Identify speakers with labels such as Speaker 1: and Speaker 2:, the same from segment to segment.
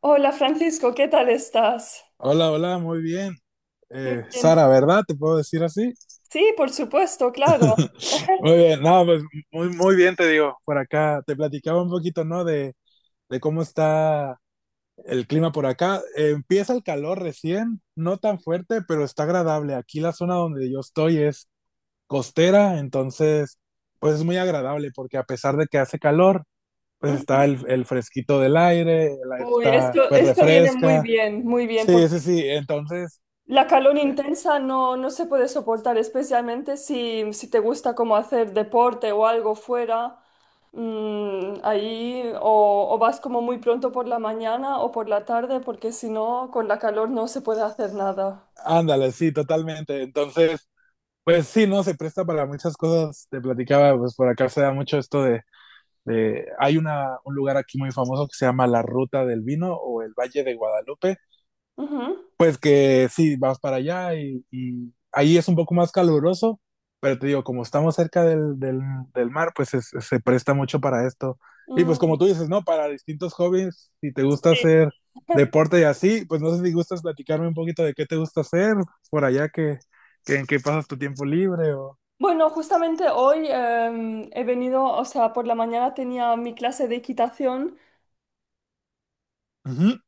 Speaker 1: Hola Francisco, ¿qué tal estás?
Speaker 2: Hola, hola, muy bien.
Speaker 1: Muy bien.
Speaker 2: Sara, ¿verdad? ¿Te puedo decir así?
Speaker 1: Sí, por supuesto, claro.
Speaker 2: Muy bien, no, pues muy bien te digo. Por acá te platicaba un poquito, ¿no? De cómo está el clima por acá. Empieza el calor recién, no tan fuerte, pero está agradable. Aquí la zona donde yo estoy es costera, entonces, pues es muy agradable porque a pesar de que hace calor, pues está
Speaker 1: Ujú.
Speaker 2: el fresquito del aire, el aire
Speaker 1: Uy,
Speaker 2: está,
Speaker 1: esto,
Speaker 2: pues
Speaker 1: esto viene
Speaker 2: refresca.
Speaker 1: muy bien,
Speaker 2: Sí,
Speaker 1: porque
Speaker 2: sí, sí, entonces...
Speaker 1: la calor intensa no se puede soportar, especialmente si te gusta como hacer deporte o algo fuera, ahí o vas como muy pronto por la mañana o por la tarde, porque si no, con la calor no se puede hacer nada.
Speaker 2: Ándale, sí, totalmente. Entonces, pues sí, no, se presta para muchas cosas. Te platicaba, pues por acá se da mucho esto de. Hay un lugar aquí muy famoso que se llama La Ruta del Vino o el Valle de Guadalupe,
Speaker 1: Ujú.
Speaker 2: pues que sí, vas para allá y ahí es un poco más caluroso, pero te digo, como estamos cerca del mar, se presta mucho para esto. Y pues
Speaker 1: Mm,
Speaker 2: como tú dices, ¿no? Para distintos hobbies, si te gusta
Speaker 1: sí.
Speaker 2: hacer deporte y así, pues no sé si gustas platicarme un poquito de qué te gusta hacer por allá, que en qué pasas tu tiempo libre o...
Speaker 1: Bueno, justamente hoy he venido, o sea, por la mañana tenía mi clase de equitación
Speaker 2: Ujú,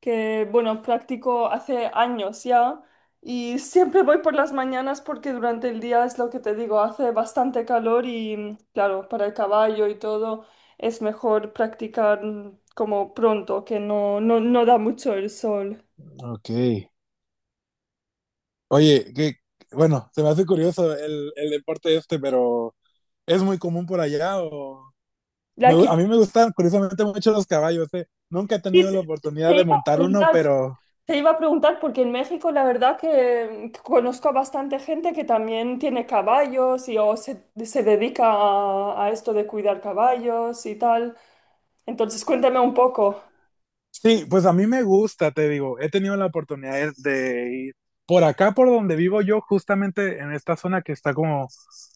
Speaker 1: que, bueno, practico hace años ya y siempre voy por las mañanas porque durante el día es lo que te digo, hace bastante calor y, claro, para el caballo y todo es mejor practicar como pronto, que no da mucho el sol.
Speaker 2: ok. Oye, que, bueno, se me hace curioso el deporte este, pero ¿es muy común por allá? O...
Speaker 1: La equitación,
Speaker 2: A mí me gustan curiosamente mucho los caballos, eh. Nunca he tenido la oportunidad
Speaker 1: te
Speaker 2: de
Speaker 1: iba a
Speaker 2: montar uno,
Speaker 1: preguntar.
Speaker 2: pero
Speaker 1: Te iba a preguntar porque en México la verdad que conozco a bastante gente que también tiene caballos y o se dedica a esto de cuidar caballos y tal. Entonces cuéntame un poco.
Speaker 2: sí, pues a mí me gusta, te digo. He tenido la oportunidad de ir por acá, por donde vivo yo, justamente en esta zona que está como,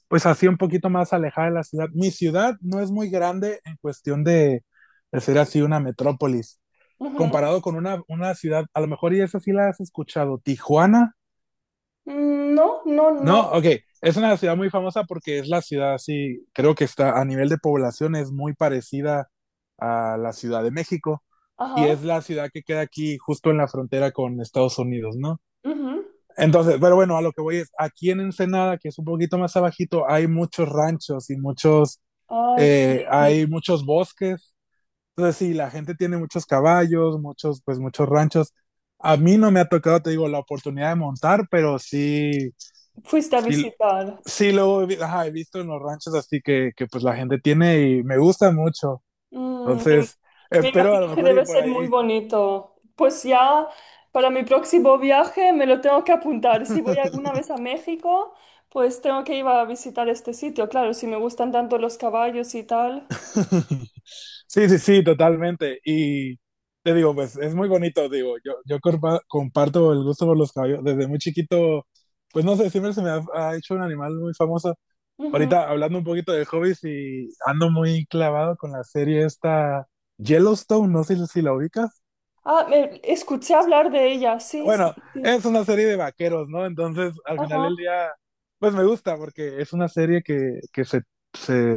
Speaker 2: pues así un poquito más alejada de la ciudad. Mi ciudad no es muy grande en cuestión de ser así una metrópolis.
Speaker 1: Ujú.
Speaker 2: Comparado con una ciudad, a lo mejor y esa sí la has escuchado, Tijuana.
Speaker 1: Mm, no, no, no.
Speaker 2: No, ok, es una ciudad muy famosa porque es la ciudad, sí, creo que está a nivel de población es muy parecida a la Ciudad de México y
Speaker 1: Ajá.
Speaker 2: es la ciudad que queda aquí justo en la frontera con Estados Unidos, ¿no?
Speaker 1: Ujú.
Speaker 2: Entonces, pero bueno, a lo que voy es, aquí en Ensenada, que es un poquito más abajito, hay muchos ranchos y muchos,
Speaker 1: Ay, qué lindo.
Speaker 2: hay muchos bosques. Entonces sí, la gente tiene muchos caballos, muchos, pues muchos ranchos. A mí no me ha tocado, te digo, la oportunidad de montar, pero sí,
Speaker 1: Fuiste a
Speaker 2: sí,
Speaker 1: visitar.
Speaker 2: sí, ajá, he visto en los ranchos, así que pues la gente tiene y me gusta mucho.
Speaker 1: Mm, me,
Speaker 2: Entonces,
Speaker 1: me
Speaker 2: espero a lo
Speaker 1: imagino que
Speaker 2: mejor ir
Speaker 1: debe
Speaker 2: por
Speaker 1: ser muy
Speaker 2: ahí.
Speaker 1: bonito. Pues ya para mi próximo viaje me lo tengo que apuntar. Si voy alguna vez a México, pues tengo que ir a visitar este sitio. Claro, si me gustan tanto los caballos y tal.
Speaker 2: Sí, sí, sí, totalmente. Y te digo, pues es muy bonito, digo, yo comparto el gusto por los caballos. Desde muy chiquito, pues no sé, siempre se me ha hecho un animal muy famoso.
Speaker 1: Ujú.
Speaker 2: Ahorita hablando un poquito de hobbies y ando muy clavado con la serie esta Yellowstone, no sé si la ubicas.
Speaker 1: Escuché hablar de ella. Sí, sí,
Speaker 2: Bueno,
Speaker 1: sí.
Speaker 2: es una serie de vaqueros, ¿no? Entonces, al final del
Speaker 1: Ajá.
Speaker 2: día, pues me gusta porque es una serie que se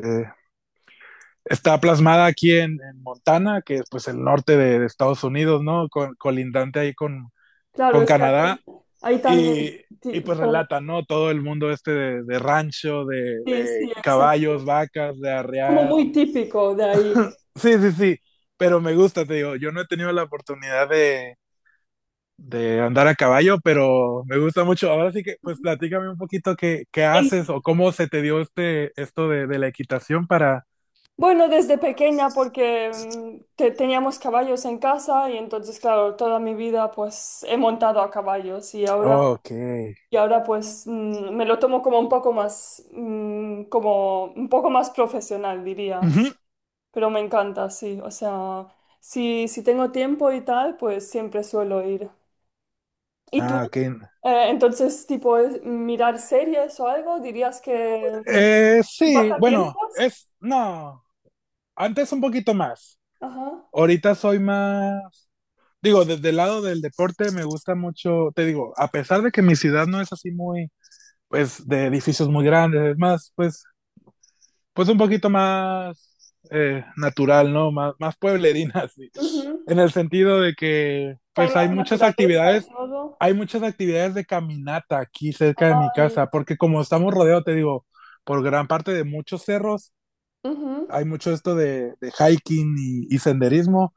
Speaker 2: está plasmada aquí en Montana, que es pues el norte de Estados Unidos, ¿no? Colindante ahí
Speaker 1: Claro,
Speaker 2: con
Speaker 1: es que ahí,
Speaker 2: Canadá.
Speaker 1: ahí también.
Speaker 2: Y, y
Speaker 1: ti-
Speaker 2: pues
Speaker 1: como-
Speaker 2: relata, ¿no? Todo el mundo este de rancho,
Speaker 1: Sí,
Speaker 2: de
Speaker 1: sí, exacto.
Speaker 2: caballos, vacas, de
Speaker 1: Como
Speaker 2: arrear.
Speaker 1: muy típico de ahí.
Speaker 2: Sí, sí, sí, pero me gusta, te digo, yo no he tenido la oportunidad de andar a caballo, pero me gusta mucho. Ahora sí que, pues platícame un poquito qué, qué haces o cómo se te dio este, esto de la equitación para...
Speaker 1: Bueno, desde pequeña porque teníamos caballos en casa y entonces, claro, toda mi vida pues he montado a caballos
Speaker 2: Ok.
Speaker 1: y ahora pues me lo tomo como un poco más, como un poco más profesional, diría.
Speaker 2: Ujú.
Speaker 1: Pero me encanta, sí. O sea, si tengo tiempo y tal, pues siempre suelo ir. ¿Y tú?
Speaker 2: Ah, ok.
Speaker 1: Entonces, tipo, mirar series o algo, dirías que
Speaker 2: Eh, sí, bueno,
Speaker 1: pasatiempos.
Speaker 2: es, no, antes un poquito más.
Speaker 1: Ajá.
Speaker 2: Ahorita soy más, digo, desde el lado del deporte me gusta mucho, te digo, a pesar de que mi ciudad no es así muy, pues, de edificios muy grandes, es más, pues, pues un poquito más natural, ¿no? Más, más pueblerina, sí.
Speaker 1: Ujú.
Speaker 2: En el sentido de que,
Speaker 1: Que hay
Speaker 2: pues
Speaker 1: más naturaleza y todo.
Speaker 2: hay muchas actividades de caminata aquí cerca de mi
Speaker 1: Ay,
Speaker 2: casa, porque como estamos rodeados, te digo, por gran parte de muchos cerros,
Speaker 1: ujú.
Speaker 2: hay mucho esto de hiking y senderismo.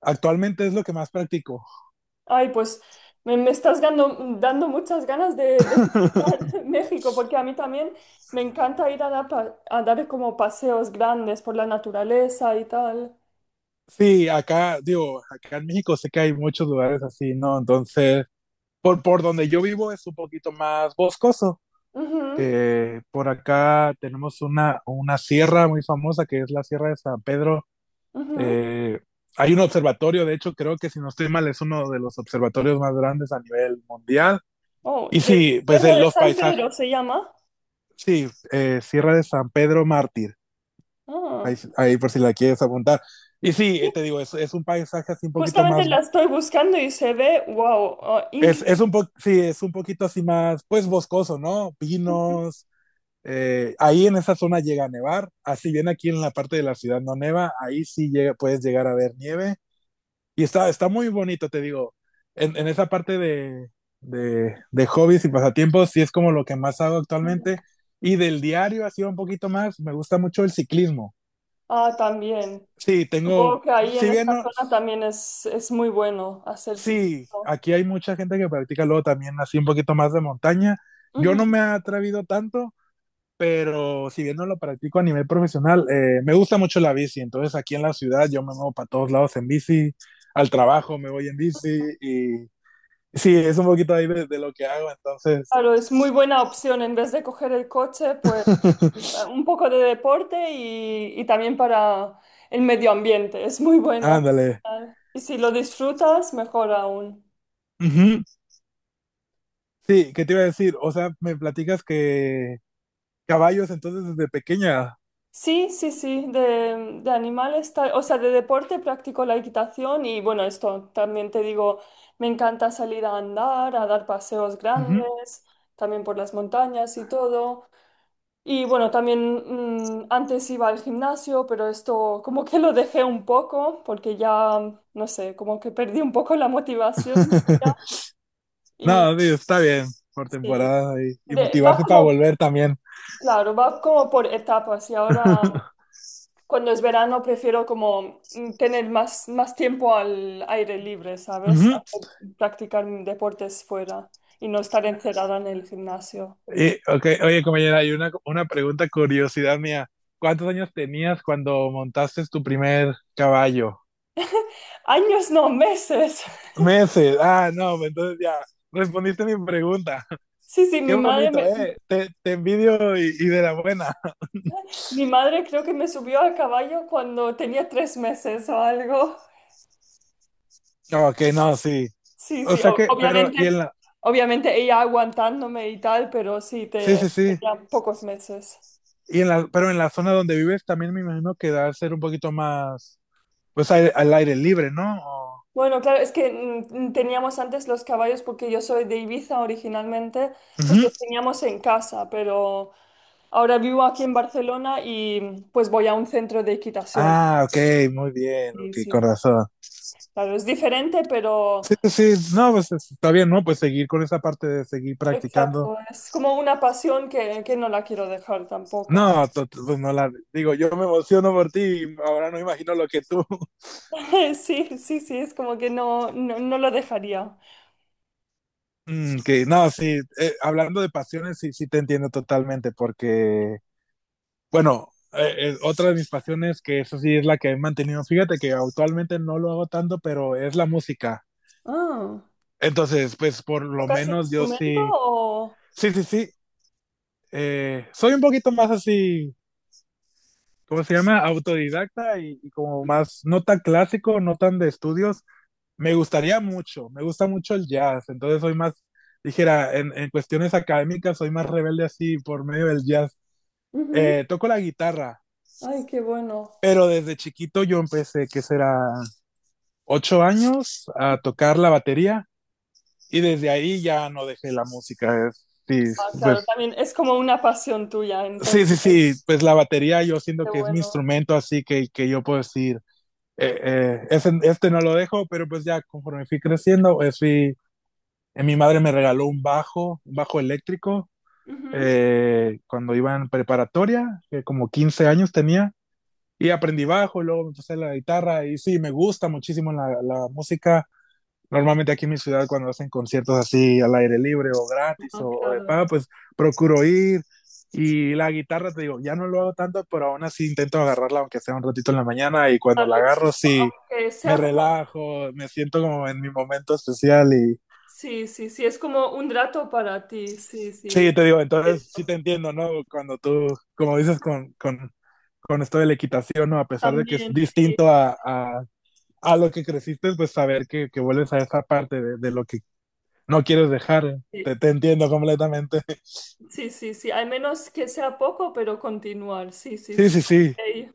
Speaker 2: Actualmente es lo que más practico.
Speaker 1: Ay, pues me estás dando muchas ganas de visitar México, porque a mí también me encanta ir a dar, a dar como paseos grandes por la naturaleza y tal.
Speaker 2: Sí, acá, digo, acá en México sé que hay muchos lugares así, ¿no? Entonces, por donde yo vivo es un poquito más boscoso,
Speaker 1: Ujú,
Speaker 2: que por acá tenemos una sierra muy famosa que es la Sierra de San Pedro.
Speaker 1: ujú.
Speaker 2: Eh, hay un observatorio, de hecho creo que si no estoy mal es uno de los observatorios más grandes a nivel mundial.
Speaker 1: Oh,
Speaker 2: Y
Speaker 1: de
Speaker 2: sí, pues
Speaker 1: Tierra de
Speaker 2: los
Speaker 1: San
Speaker 2: paisajes,
Speaker 1: Pedro se llama.
Speaker 2: sí, Sierra de San Pedro Mártir, ahí,
Speaker 1: Ah,
Speaker 2: ahí por si la quieres apuntar. Y sí,
Speaker 1: sí.
Speaker 2: te digo, es un paisaje así un poquito
Speaker 1: Justamente
Speaker 2: más,
Speaker 1: la estoy buscando y se ve, wow, ah,
Speaker 2: es
Speaker 1: increíble.
Speaker 2: un po sí, es un poquito así más, pues boscoso, ¿no? Pinos. Ahí en esa zona llega a nevar, así bien aquí en la parte de la ciudad no neva, ahí sí llega, puedes llegar a ver nieve y está, está muy bonito, te digo, en esa parte de hobbies y pasatiempos sí es como lo que más hago
Speaker 1: Ujú.
Speaker 2: actualmente y del diario así un poquito más, me gusta mucho el ciclismo.
Speaker 1: Ah, también.
Speaker 2: Sí, tengo,
Speaker 1: Supongo que ahí en
Speaker 2: si bien
Speaker 1: esta
Speaker 2: no,
Speaker 1: zona también es muy bueno hacer
Speaker 2: sí,
Speaker 1: ciclismo.
Speaker 2: aquí hay mucha gente que practica luego también así un poquito más de montaña, yo no me he atrevido tanto, pero si bien no lo practico a nivel profesional, me gusta mucho la bici. Entonces aquí en la ciudad yo me muevo para todos lados en bici, al trabajo me voy en bici y sí, es un poquito ahí de lo que hago. Entonces,
Speaker 1: Claro, es muy buena opción en vez de coger el coche, pues un poco de deporte y también para el medio ambiente. Es muy bueno.
Speaker 2: ándale.
Speaker 1: Y si lo disfrutas, mejor aún.
Speaker 2: Ujú. Sí, ¿qué te iba a decir? O sea, me platicas que caballos entonces desde pequeña.
Speaker 1: Sí, sí, sí, de animales, o sea, de deporte practico la equitación y bueno, esto también te digo, me encanta salir a andar, a dar paseos
Speaker 2: Ujú.
Speaker 1: grandes, también por las montañas y todo. Y bueno, también antes iba al gimnasio, pero esto como que lo dejé un poco porque ya, no sé, como que perdí un poco la motivación ya. Y
Speaker 2: No, sí, está bien por
Speaker 1: sí,
Speaker 2: temporada y
Speaker 1: va
Speaker 2: motivarse para
Speaker 1: como,
Speaker 2: volver también.
Speaker 1: claro, va como por etapas y ahora cuando es verano prefiero como tener más, más tiempo al aire libre, ¿sabes? A
Speaker 2: Ujú.
Speaker 1: practicar deportes fuera y no estar encerrada en el gimnasio.
Speaker 2: Y, okay, oye, compañera, hay una pregunta, curiosidad mía. ¿Cuántos años tenías cuando montaste tu primer caballo?
Speaker 1: Años, no, meses.
Speaker 2: Meses. Ah, no, entonces ya respondiste mi pregunta.
Speaker 1: Sí, sí,
Speaker 2: Qué
Speaker 1: mi madre
Speaker 2: bonito,
Speaker 1: me,
Speaker 2: ¿eh? Te envidio y de la buena.
Speaker 1: mi madre creo que me subió a caballo cuando tenía tres meses o algo.
Speaker 2: Ok, no, sí.
Speaker 1: Sí,
Speaker 2: O
Speaker 1: sí,
Speaker 2: sea que, pero,
Speaker 1: obviamente,
Speaker 2: y en la,
Speaker 1: obviamente ella aguantándome y tal, pero sí,
Speaker 2: sí, sí, sí.
Speaker 1: tenía pocos meses.
Speaker 2: Y en la, pero en la zona donde vives también me imagino que debe ser un poquito más, pues al, al aire libre, ¿no? O-
Speaker 1: Bueno, claro, es que mm, teníamos antes los caballos porque yo soy de Ibiza originalmente, pues
Speaker 2: Ujú.
Speaker 1: los teníamos en casa, pero ahora vivo aquí en Barcelona y pues voy a un centro de equitación.
Speaker 2: Ah, ok, muy bien, ok,
Speaker 1: Sí, sí, sí.
Speaker 2: corazón.
Speaker 1: Claro, es diferente, pero
Speaker 2: Sí, sí, sí, no, está bien, ¿no? Pues seguir con esa parte de seguir practicando.
Speaker 1: exacto, es como una pasión que no la quiero dejar tampoco.
Speaker 2: No, pues no la digo, yo me emociono por ti, y ahora no imagino lo que tú.
Speaker 1: Sí, sí, sí, es como que no, no, no lo dejaría.
Speaker 2: Mm, que no, sí, hablando de pasiones, sí, sí te entiendo totalmente, porque, bueno, otra de mis pasiones, que eso sí es la que he mantenido, fíjate que actualmente no lo hago tanto, pero es la música.
Speaker 1: Ah,
Speaker 2: Entonces, pues por lo
Speaker 1: ¿tocas
Speaker 2: menos yo
Speaker 1: instrumento
Speaker 2: sí,
Speaker 1: o...?
Speaker 2: sí, sí, sí, soy un poquito más así ¿cómo se llama? Autodidacta y, como más, no tan clásico, no tan de estudios. Me gustaría mucho, me gusta mucho el jazz, entonces soy más, dijera, en cuestiones académicas soy más rebelde así por medio del jazz.
Speaker 1: Ujú.
Speaker 2: Toco la guitarra,
Speaker 1: Ay, qué bueno.
Speaker 2: pero desde chiquito yo empecé, que será 8 años, a tocar la batería y desde ahí ya no dejé la música. Es,
Speaker 1: Ah,
Speaker 2: sí,
Speaker 1: claro,
Speaker 2: pues,
Speaker 1: también es como una pasión tuya,
Speaker 2: sí,
Speaker 1: entonces,
Speaker 2: sí, sí, pues la batería yo siento
Speaker 1: qué
Speaker 2: que es mi
Speaker 1: bueno.
Speaker 2: instrumento, así que yo puedo decir, este no lo dejo, pero pues ya conforme fui creciendo, pues fui, mi madre me regaló un bajo eléctrico,
Speaker 1: Ujú.
Speaker 2: cuando iba en preparatoria, que como 15 años tenía, y aprendí bajo, luego me empecé la guitarra, y sí, me gusta muchísimo la música. Normalmente aquí en mi ciudad cuando hacen conciertos así al aire libre o gratis
Speaker 1: Ah,
Speaker 2: o de
Speaker 1: claro.
Speaker 2: pago, pues procuro ir. Y la guitarra, te digo, ya no lo hago tanto, pero aún así intento agarrarla aunque sea un ratito en la mañana y cuando la
Speaker 1: Claro,
Speaker 2: agarro
Speaker 1: exacto.
Speaker 2: sí
Speaker 1: Aunque
Speaker 2: me
Speaker 1: sea como
Speaker 2: relajo, me siento como en mi momento especial y
Speaker 1: sí, sí, sí, es como un rato para ti, sí, sí.
Speaker 2: sí, te digo, entonces sí
Speaker 1: Cierto.
Speaker 2: te entiendo, ¿no? Cuando tú, como dices con esto de la equitación, ¿no? A pesar de que es
Speaker 1: También, sí,
Speaker 2: distinto a lo que creciste, pues saber que vuelves a esa parte de lo que no quieres dejar.
Speaker 1: sí,
Speaker 2: Te entiendo completamente.
Speaker 1: sí, sí, sí, al menos que sea poco, pero continuar, sí, sí,
Speaker 2: Sí,
Speaker 1: sí.
Speaker 2: sí, sí.
Speaker 1: Ok.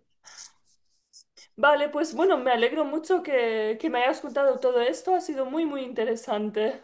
Speaker 1: Vale, pues bueno, me alegro mucho que me hayas contado todo esto, ha sido muy, muy interesante.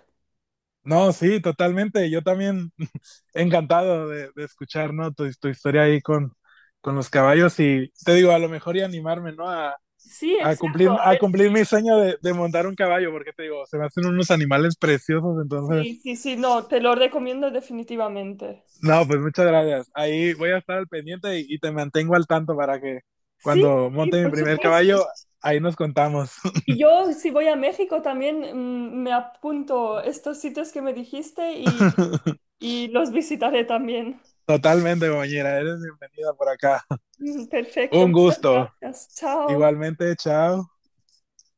Speaker 2: No, sí, totalmente. Yo también encantado de escuchar, ¿no? Tu historia ahí con los caballos y te digo, a lo mejor y animarme, ¿no?
Speaker 1: Sí, exacto, a
Speaker 2: A
Speaker 1: ver, sí,
Speaker 2: cumplir mi sueño de montar un caballo, porque te digo, se me hacen unos animales preciosos,
Speaker 1: sí,
Speaker 2: entonces,
Speaker 1: sí, sí, no, te lo recomiendo definitivamente.
Speaker 2: no, pues muchas gracias. Ahí voy a estar al pendiente y te mantengo al tanto para que
Speaker 1: Sí,
Speaker 2: cuando
Speaker 1: sí,
Speaker 2: monte mi
Speaker 1: por
Speaker 2: primer
Speaker 1: supuesto.
Speaker 2: caballo, ahí nos contamos.
Speaker 1: Y yo, si voy a México, también me apunto estos sitios que me dijiste y los visitaré también.
Speaker 2: Totalmente, compañera, eres bienvenida por acá.
Speaker 1: Mm, perfecto,
Speaker 2: Un
Speaker 1: muchas
Speaker 2: gusto.
Speaker 1: gracias. Chao.
Speaker 2: Igualmente, chao.